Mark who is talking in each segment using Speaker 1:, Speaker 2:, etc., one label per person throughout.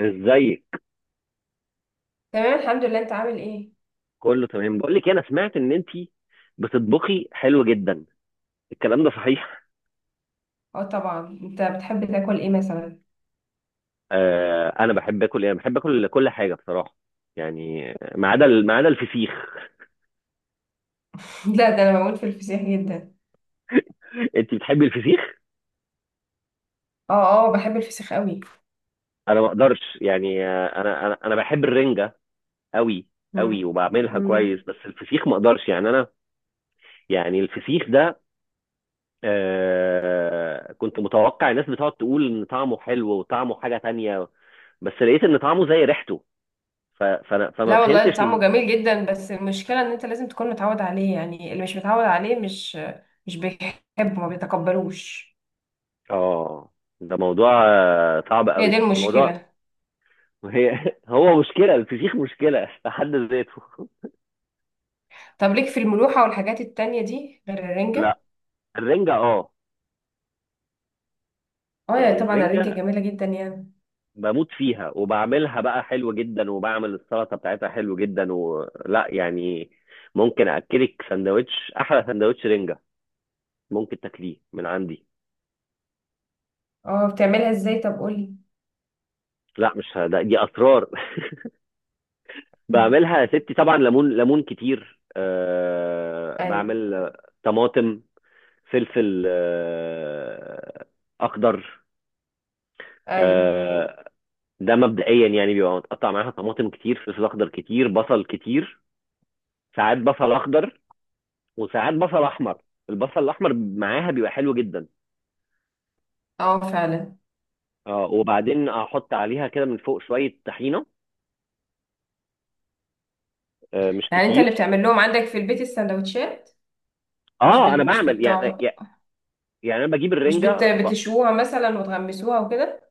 Speaker 1: ازيك؟
Speaker 2: تمام، الحمد لله. انت عامل ايه؟
Speaker 1: كله تمام. بقول لك إيه، انا سمعت ان انت بتطبخي حلو جدا. الكلام ده صحيح؟
Speaker 2: اه طبعا. انت بتحب تاكل ايه مثلا؟
Speaker 1: انا بحب اكل ايه؟ أنا بحب اكل كل حاجه بصراحه. يعني ما عدا الفسيخ.
Speaker 2: لا، ده انا بموت في الفسيخ جدا.
Speaker 1: انت بتحبي الفسيخ؟
Speaker 2: اه. اه، بحب الفسيخ قوي.
Speaker 1: انا ما اقدرش، يعني، انا بحب الرنجه قوي. قوي
Speaker 2: مم.
Speaker 1: وبعملها كويس،
Speaker 2: مم.
Speaker 1: بس الفسيخ ما اقدرش يعني انا. يعني الفسيخ ده، كنت متوقع الناس بتقعد تقول ان طعمه حلو وطعمه حاجه تانية. بس لقيت ان طعمه زي ريحته. ف- فانا فما
Speaker 2: لا والله،
Speaker 1: فهمتش.
Speaker 2: طعمه جميل جدا، بس المشكله ان انت لازم تكون متعود عليه، يعني اللي مش متعود عليه مش بيحبه، ما بيتقبلوش.
Speaker 1: اه، ده موضوع صعب
Speaker 2: هي دي
Speaker 1: قوي موضوع.
Speaker 2: المشكله.
Speaker 1: هي هو مشكله الفسيخ مشكله في حد ذاته.
Speaker 2: طب ليك في الملوحه والحاجات التانية دي غير الرنجه؟
Speaker 1: لا، الرنجه، اه.
Speaker 2: اه يا
Speaker 1: يعني
Speaker 2: طبعا، الرنجه
Speaker 1: الرنجه،
Speaker 2: جميله جدا يعني.
Speaker 1: بموت فيها وبعملها بقى حلو جدا، وبعمل السلطه بتاعتها حلو جدا، ولا يعني. ممكن اكلك سندوتش، احلى سندوتش رنجه. ممكن تاكليه من عندي.
Speaker 2: اه، بتعملها ازاي؟ طب قولي.
Speaker 1: لا، مش ه- ده دي اسرار. بعملها يا ستي، طبعا ليمون ليمون كتير،
Speaker 2: ايوه
Speaker 1: بعمل طماطم، فلفل اخضر.
Speaker 2: ايوه.
Speaker 1: آه، ده مبدئيا يعني بيبقى متقطع معاها طماطم كتير، فلفل اخضر كتير، بصل كتير. ساعات بصل اخضر، وساعات بصل احمر. البصل الاحمر معاها بيبقى حلو جدا.
Speaker 2: اه فعلا.
Speaker 1: اه، وبعدين احط عليها كده من فوق شويه طحينه، مش
Speaker 2: يعني انت اللي
Speaker 1: كتير.
Speaker 2: بتعمل لهم عندك في البيت السندوتشات؟ مش
Speaker 1: اه،
Speaker 2: بت...
Speaker 1: انا
Speaker 2: مش
Speaker 1: بعمل يعني.
Speaker 2: بتوع...
Speaker 1: يعني انا بجيب
Speaker 2: مش بت...
Speaker 1: الرنجه
Speaker 2: بتشوها مثلا، وتغمسوها وكده.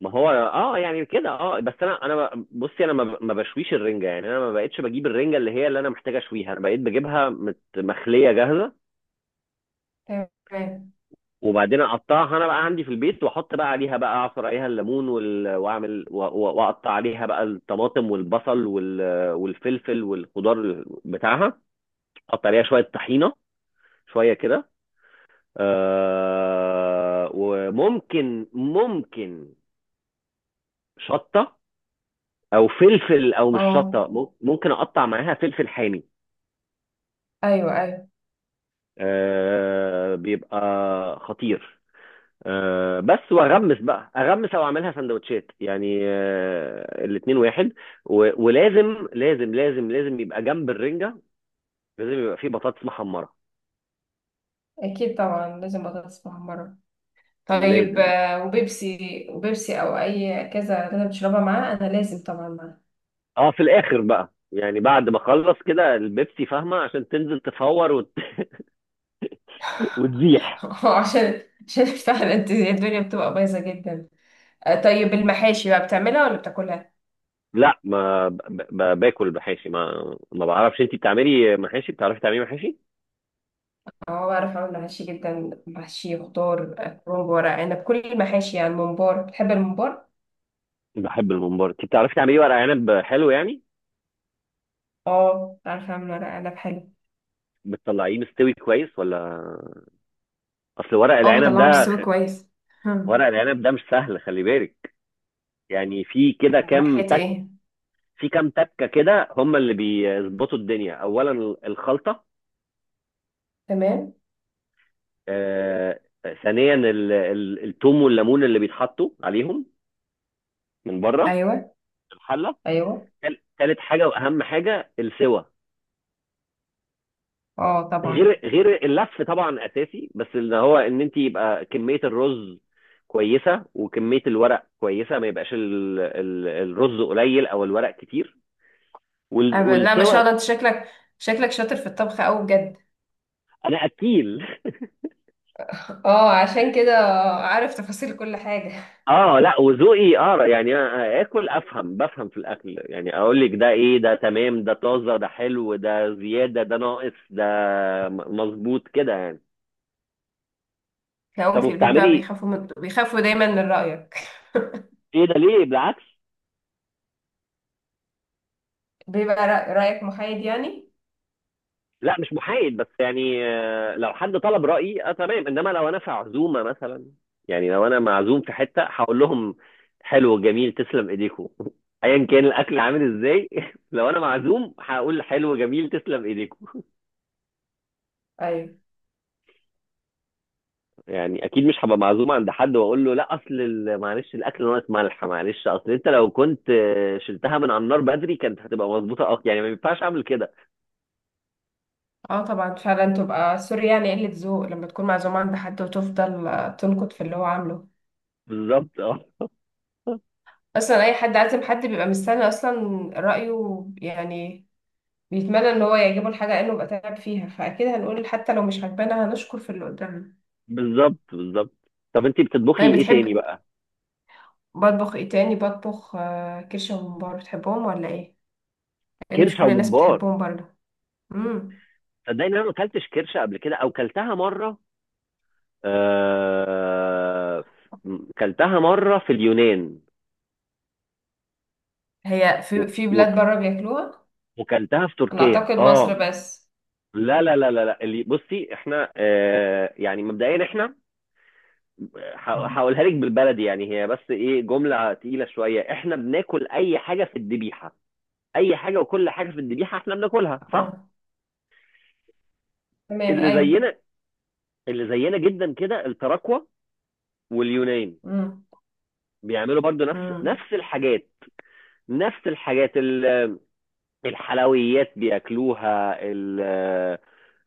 Speaker 1: ما هو، اه، يعني كده، اه، بس انا بصي، انا ما بشويش الرنجه، يعني انا ما بقتش بجيب الرنجه اللي هي اللي انا محتاج اشويها، انا بقيت بجيبها مخليه جاهزه.
Speaker 2: تمام.
Speaker 1: وبعدين اقطعها انا بقى عندي في البيت، واحط بقى عليها بقى اعصر عليها الليمون واعمل واقطع عليها بقى الطماطم والبصل والفلفل والخضار بتاعها، احط عليها شويه طحينه، شويه كده. وممكن ممكن شطه، او فلفل، او مش
Speaker 2: اه،
Speaker 1: شطه، ممكن اقطع معاها فلفل حامي.
Speaker 2: ايوه، ايوه.
Speaker 1: بيبقى خطير. بس واغمس بقى، اغمس او اعملها سندوتشات، يعني الاتنين واحد. ولازم لازم لازم لازم يبقى جنب الرنجه، لازم يبقى فيه بطاطس محمره.
Speaker 2: اكيد طبعا، لازم بطاطس محمره. طيب،
Speaker 1: لازم.
Speaker 2: وبيبسي. وبيبسي او اي كذا، اللي انا بشربها معاه انا لازم طبعا معاه.
Speaker 1: اه، في الاخر بقى، يعني بعد ما اخلص كده البيبسي، فاهمه، عشان تنزل تفور وتزيح.
Speaker 2: عشان عشان فعلا الدنيا بتبقى بايظه جدا. طيب، المحاشي بقى بتعملها ولا بتاكلها؟
Speaker 1: لا، ما ب... ب... باكل محاشي، ما بعرفش. انت بتعملي محاشي؟ بتعرفي تعملي محاشي؟
Speaker 2: اه، بعرف اعمل محاشي جدا، محشي خضار، كرنب، ورق عنب، كل المحاشي، يعني ممبار. بتحب الممبار؟
Speaker 1: بحب الممبار. انت بتعرفي تعملي ورق عنب حلو يعني؟
Speaker 2: اه، عارفة اعمل ورق عنب حلو.
Speaker 1: بتطلعيه مستوي كويس، ولا؟ اصل ورق
Speaker 2: اه،
Speaker 1: العنب
Speaker 2: بطلعه
Speaker 1: ده
Speaker 2: مستوي كويس. هم.
Speaker 1: ورق العنب ده مش سهل، خلي بالك. يعني،
Speaker 2: من ناحية ايه؟
Speaker 1: في كام تكه كده هم اللي بيظبطوا الدنيا. اولا الخلطه.
Speaker 2: تمام.
Speaker 1: آه... ثانيا، التوم والليمون اللي بيتحطوا عليهم من بره،
Speaker 2: ايوه.
Speaker 1: الحله.
Speaker 2: ايوه.
Speaker 1: ثالث حاجه، واهم حاجه، السوى.
Speaker 2: اه طبعا.
Speaker 1: غير اللف طبعا اساسي، بس اللي هو ان انت يبقى كميه الرز كويسه، وكميه الورق كويسه، ما يبقاش الرز قليل او الورق كتير،
Speaker 2: لا، ما شاء
Speaker 1: والسوى.
Speaker 2: الله، انت شكلك شاطر في الطبخ قوي بجد.
Speaker 1: انا اكيل.
Speaker 2: اه، عشان كده. عارف تفاصيل كل حاجة.
Speaker 1: اه، لا، وذوقي، يعني أنا اكل بفهم في الاكل، يعني اقول لك ده ايه، ده تمام، ده طازه، ده حلو، ده زياده، ده ناقص، ده مظبوط كده يعني.
Speaker 2: تلاقيهم
Speaker 1: طب،
Speaker 2: في البيت بقى
Speaker 1: وبتعملي؟
Speaker 2: بيخافوا دايما من رأيك.
Speaker 1: ايه ده؟ ليه؟ بالعكس.
Speaker 2: بيبقى رأيك محايد يعني.
Speaker 1: لا، مش محايد، بس يعني لو حد طلب رأيي اه تمام، انما لو انا في عزومة مثلا، يعني لو انا معزوم في حتة هقول لهم حلو، جميل، تسلم ايديكم. ايا كان الاكل عامل ازاي. لو انا معزوم هقول حلو، جميل، تسلم ايديكم.
Speaker 2: ايوه.
Speaker 1: يعني اكيد مش هبقى معزوم عند حد واقول له لا، اصل معلش الاكل ناقص ملح، معلش اصل انت لو كنت شلتها من على النار بدري كانت هتبقى مظبوطة، اه يعني ما ينفعش اعمل كده.
Speaker 2: اه طبعا، فعلا. تبقى سوري، يعني قلة ذوق لما تكون معزومة عند حد وتفضل تنكت في اللي هو عامله.
Speaker 1: بالظبط، اه،
Speaker 2: اصلا اي حد عازم حد بيبقى مستني اصلا رايه يعني. بيتمنى ان هو يعجبه الحاجه لانه بقى تعب فيها، فاكيد هنقول حتى لو مش عجبانا هنشكر في اللي قدامنا.
Speaker 1: بالظبط بالظبط. طب، انت بتطبخي
Speaker 2: طيب،
Speaker 1: ايه تاني
Speaker 2: بتحب.
Speaker 1: بقى؟
Speaker 2: بطبخ ايه تاني؟ بطبخ كرشه وممبار. بتحبهم ولا ايه؟ لان مش
Speaker 1: كرشة
Speaker 2: كل الناس
Speaker 1: وممبار؟
Speaker 2: بتحبهم برضه. امم.
Speaker 1: صدقني انا ما اكلتش كرشه قبل كده، او كلتها مره. آه كلتها مره في اليونان.
Speaker 2: هي في
Speaker 1: و-
Speaker 2: في
Speaker 1: و-
Speaker 2: بلاد بره بياكلوها.
Speaker 1: وكلتها في
Speaker 2: انا
Speaker 1: تركيا،
Speaker 2: اعتقد مصر
Speaker 1: اه.
Speaker 2: بس.
Speaker 1: لا لا لا لا لا، بصي احنا، يعني مبدئيا احنا، هقولها لك بالبلدي، يعني هي بس ايه جمله تقيله شويه، احنا بناكل اي حاجه في الذبيحه، اي حاجه وكل حاجه في الذبيحه احنا بناكلها، صح؟
Speaker 2: اه، تمام،
Speaker 1: اللي
Speaker 2: ايوه.
Speaker 1: زينا، اللي زينا جدا كده التراكوة، واليونان،
Speaker 2: امم.
Speaker 1: بيعملوا برضو نفس
Speaker 2: امم.
Speaker 1: نفس الحاجات. نفس الحاجات الحلويات بياكلوها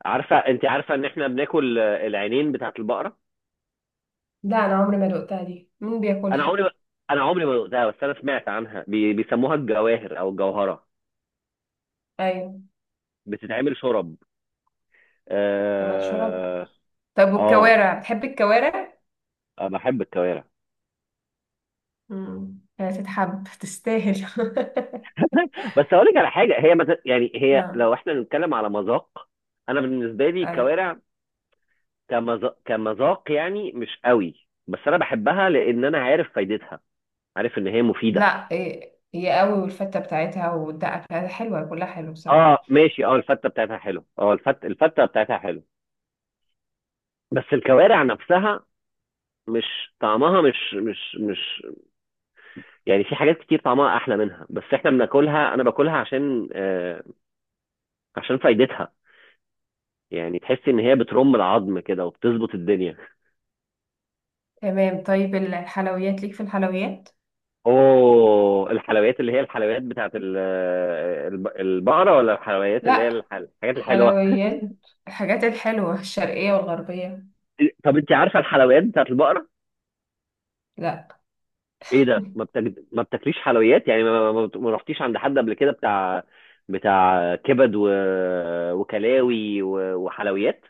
Speaker 1: انت عارفه ان احنا بناكل العينين بتاعه البقره؟
Speaker 2: لا، انا عمري ما دقتها دي، مين
Speaker 1: انا
Speaker 2: بياكلها؟
Speaker 1: عمري ما... انا عمري ما دقتها، بس انا سمعت عنها بيسموها الجواهر او الجوهره.
Speaker 2: ايوه.
Speaker 1: بتتعمل شرب؟
Speaker 2: كمان شرب؟
Speaker 1: اه،
Speaker 2: طب
Speaker 1: اه،
Speaker 2: والكوارع، بتحب الكوارع؟
Speaker 1: أنا بحب الكوارع.
Speaker 2: مم. هي تتحب، تستاهل.
Speaker 1: بس اقول لك على حاجه، هي يعني هي
Speaker 2: نعم.
Speaker 1: لو احنا بنتكلم على مذاق، انا بالنسبه لي
Speaker 2: أي.
Speaker 1: الكوارع كمذاق يعني مش قوي، بس انا بحبها لان انا عارف فايدتها، عارف ان هي مفيده.
Speaker 2: لا إيه، هي قوي، والفتة بتاعتها والدقة بتاعتها حلوة، كلها حلو بصراحة.
Speaker 1: اه، ماشي، اه، الفته بتاعتها حلو، اه، الفته بتاعتها حلو. بس الكوارع نفسها، مش طعمها مش، يعني في حاجات كتير طعمها احلى منها، بس احنا بناكلها، انا باكلها عشان عشان فايدتها، يعني تحس ان هي بترم العظم كده وبتظبط الدنيا.
Speaker 2: تمام. طيب الحلويات، ليك في الحلويات؟
Speaker 1: اوه، الحلويات اللي هي الحلويات بتاعت البقره، ولا الحلويات اللي هي
Speaker 2: لا.
Speaker 1: الحاجات الحلوه؟
Speaker 2: حلويات. الحاجات الحلوة الشرقية والغربية.
Speaker 1: طب انت عارفه الحلويات بتاعت البقره؟
Speaker 2: لا،
Speaker 1: ايه ده، ما بتاكليش حلويات يعني، ما رحتيش عند حد قبل كده بتاع كبد وكلاوي وحلويات؟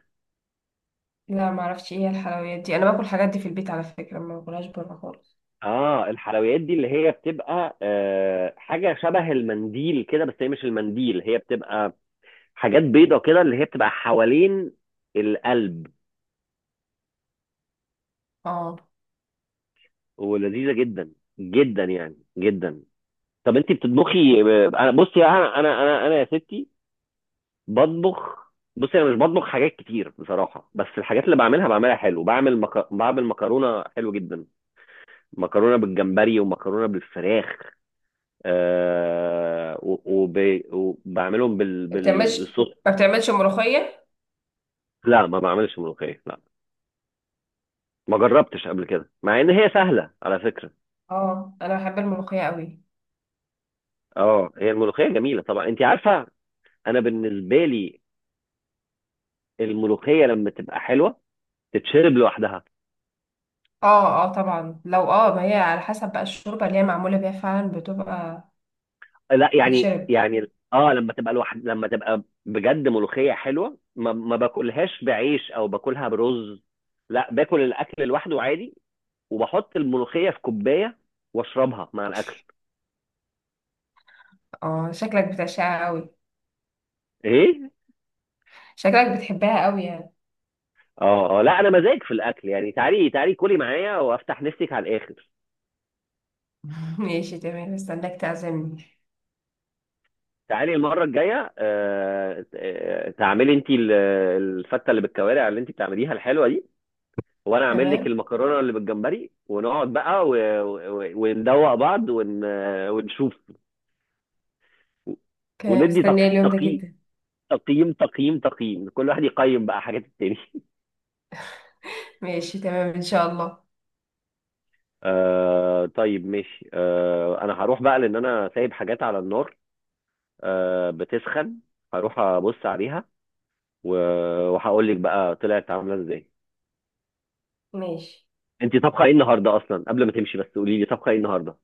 Speaker 2: لا، ما اعرفش ايه هي الحلويات دي، انا باكل الحاجات دي في البيت على فكرة، ما باكلهاش بره خالص.
Speaker 1: اه، الحلويات دي اللي هي بتبقى حاجه شبه المنديل كده، بس هي مش المنديل، هي بتبقى حاجات بيضه كده، اللي هي بتبقى حوالين القلب،
Speaker 2: اه.
Speaker 1: ولذيذه جدا، جدا يعني جدا. طب انت بتطبخي؟ انا بصي، انا يا ستي، بطبخ. بص، انا مش بطبخ حاجات كتير بصراحه، بس الحاجات اللي بعملها بعملها حلو، بعمل مكرونه حلو جدا. مكرونه بالجمبري، ومكرونه بالفراخ، آه... و... وب... وبعملهم
Speaker 2: ما بتعملش
Speaker 1: بالصوص.
Speaker 2: ما بتعملش ملوخية؟
Speaker 1: لا، ما بعملش ملوخيه، لا. ما جربتش قبل كده، مع ان هي سهله على فكره.
Speaker 2: اه، انا بحب الملوخية قوي.
Speaker 1: اه، هي الملوخيه جميله طبعا، انت عارفه، انا بالنسبه لي الملوخيه لما تبقى حلوه تتشرب لوحدها.
Speaker 2: اه اه طبعا، لو ما هي على حسب بقى الشوربة اللي هي معمولة بيها فعلا، بتبقى
Speaker 1: لا، يعني
Speaker 2: تتشرب.
Speaker 1: يعني اه، لما تبقى بجد ملوخية حلوة، ما باكلهاش بعيش او باكلها برز. لا، باكل الاكل لوحده عادي، وبحط الملوخية في كوباية واشربها مع الاكل.
Speaker 2: اه، شكلك بتعشقها قوي.
Speaker 1: ايه؟
Speaker 2: شكلك بتحبها قوي يعني.
Speaker 1: اه، اه، لا انا مزاج في الاكل، يعني تعالي تعالي كلي معايا وافتح نفسك على الاخر.
Speaker 2: ماشي تمام، استناك تعزمني.
Speaker 1: تعالي المرة الجاية، تعملي انت الفتة اللي بالكوارع اللي انت بتعمليها الحلوة دي، وانا اعمل لك
Speaker 2: تمام.
Speaker 1: المكرونه اللي بالجمبري، ونقعد بقى وندوق بعض ونشوف،
Speaker 2: كان
Speaker 1: وندي
Speaker 2: مستنية اليوم ده
Speaker 1: تقييم
Speaker 2: جدا.
Speaker 1: تقييم تقييم تقييم، كل واحد يقيم بقى حاجات التاني.
Speaker 2: ماشي تمام ان شاء الله.
Speaker 1: طيب ماشي، انا هروح بقى لان انا سايب حاجات على النار، بتسخن. هروح ابص عليها و... وهقول لك بقى طلعت عامله ازاي.
Speaker 2: ماشي.
Speaker 1: انت طبخه ايه النهارده اصلا؟ قبل ما تمشي بس قولي لي طبخه ايه النهارده.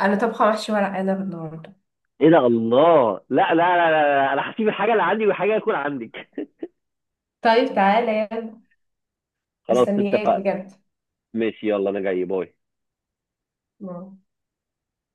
Speaker 2: انا طبخة محشي ورق عنب النهاردة.
Speaker 1: ايه ده! الله، لا لا لا لا, لا. انا هسيب الحاجه اللي عندي والحاجه هتكون عندك.
Speaker 2: طيب تعالى يلا.
Speaker 1: خلاص،
Speaker 2: مستنياك
Speaker 1: اتفقنا.
Speaker 2: بجد.
Speaker 1: ماشي، يلا، انا جاي. باي.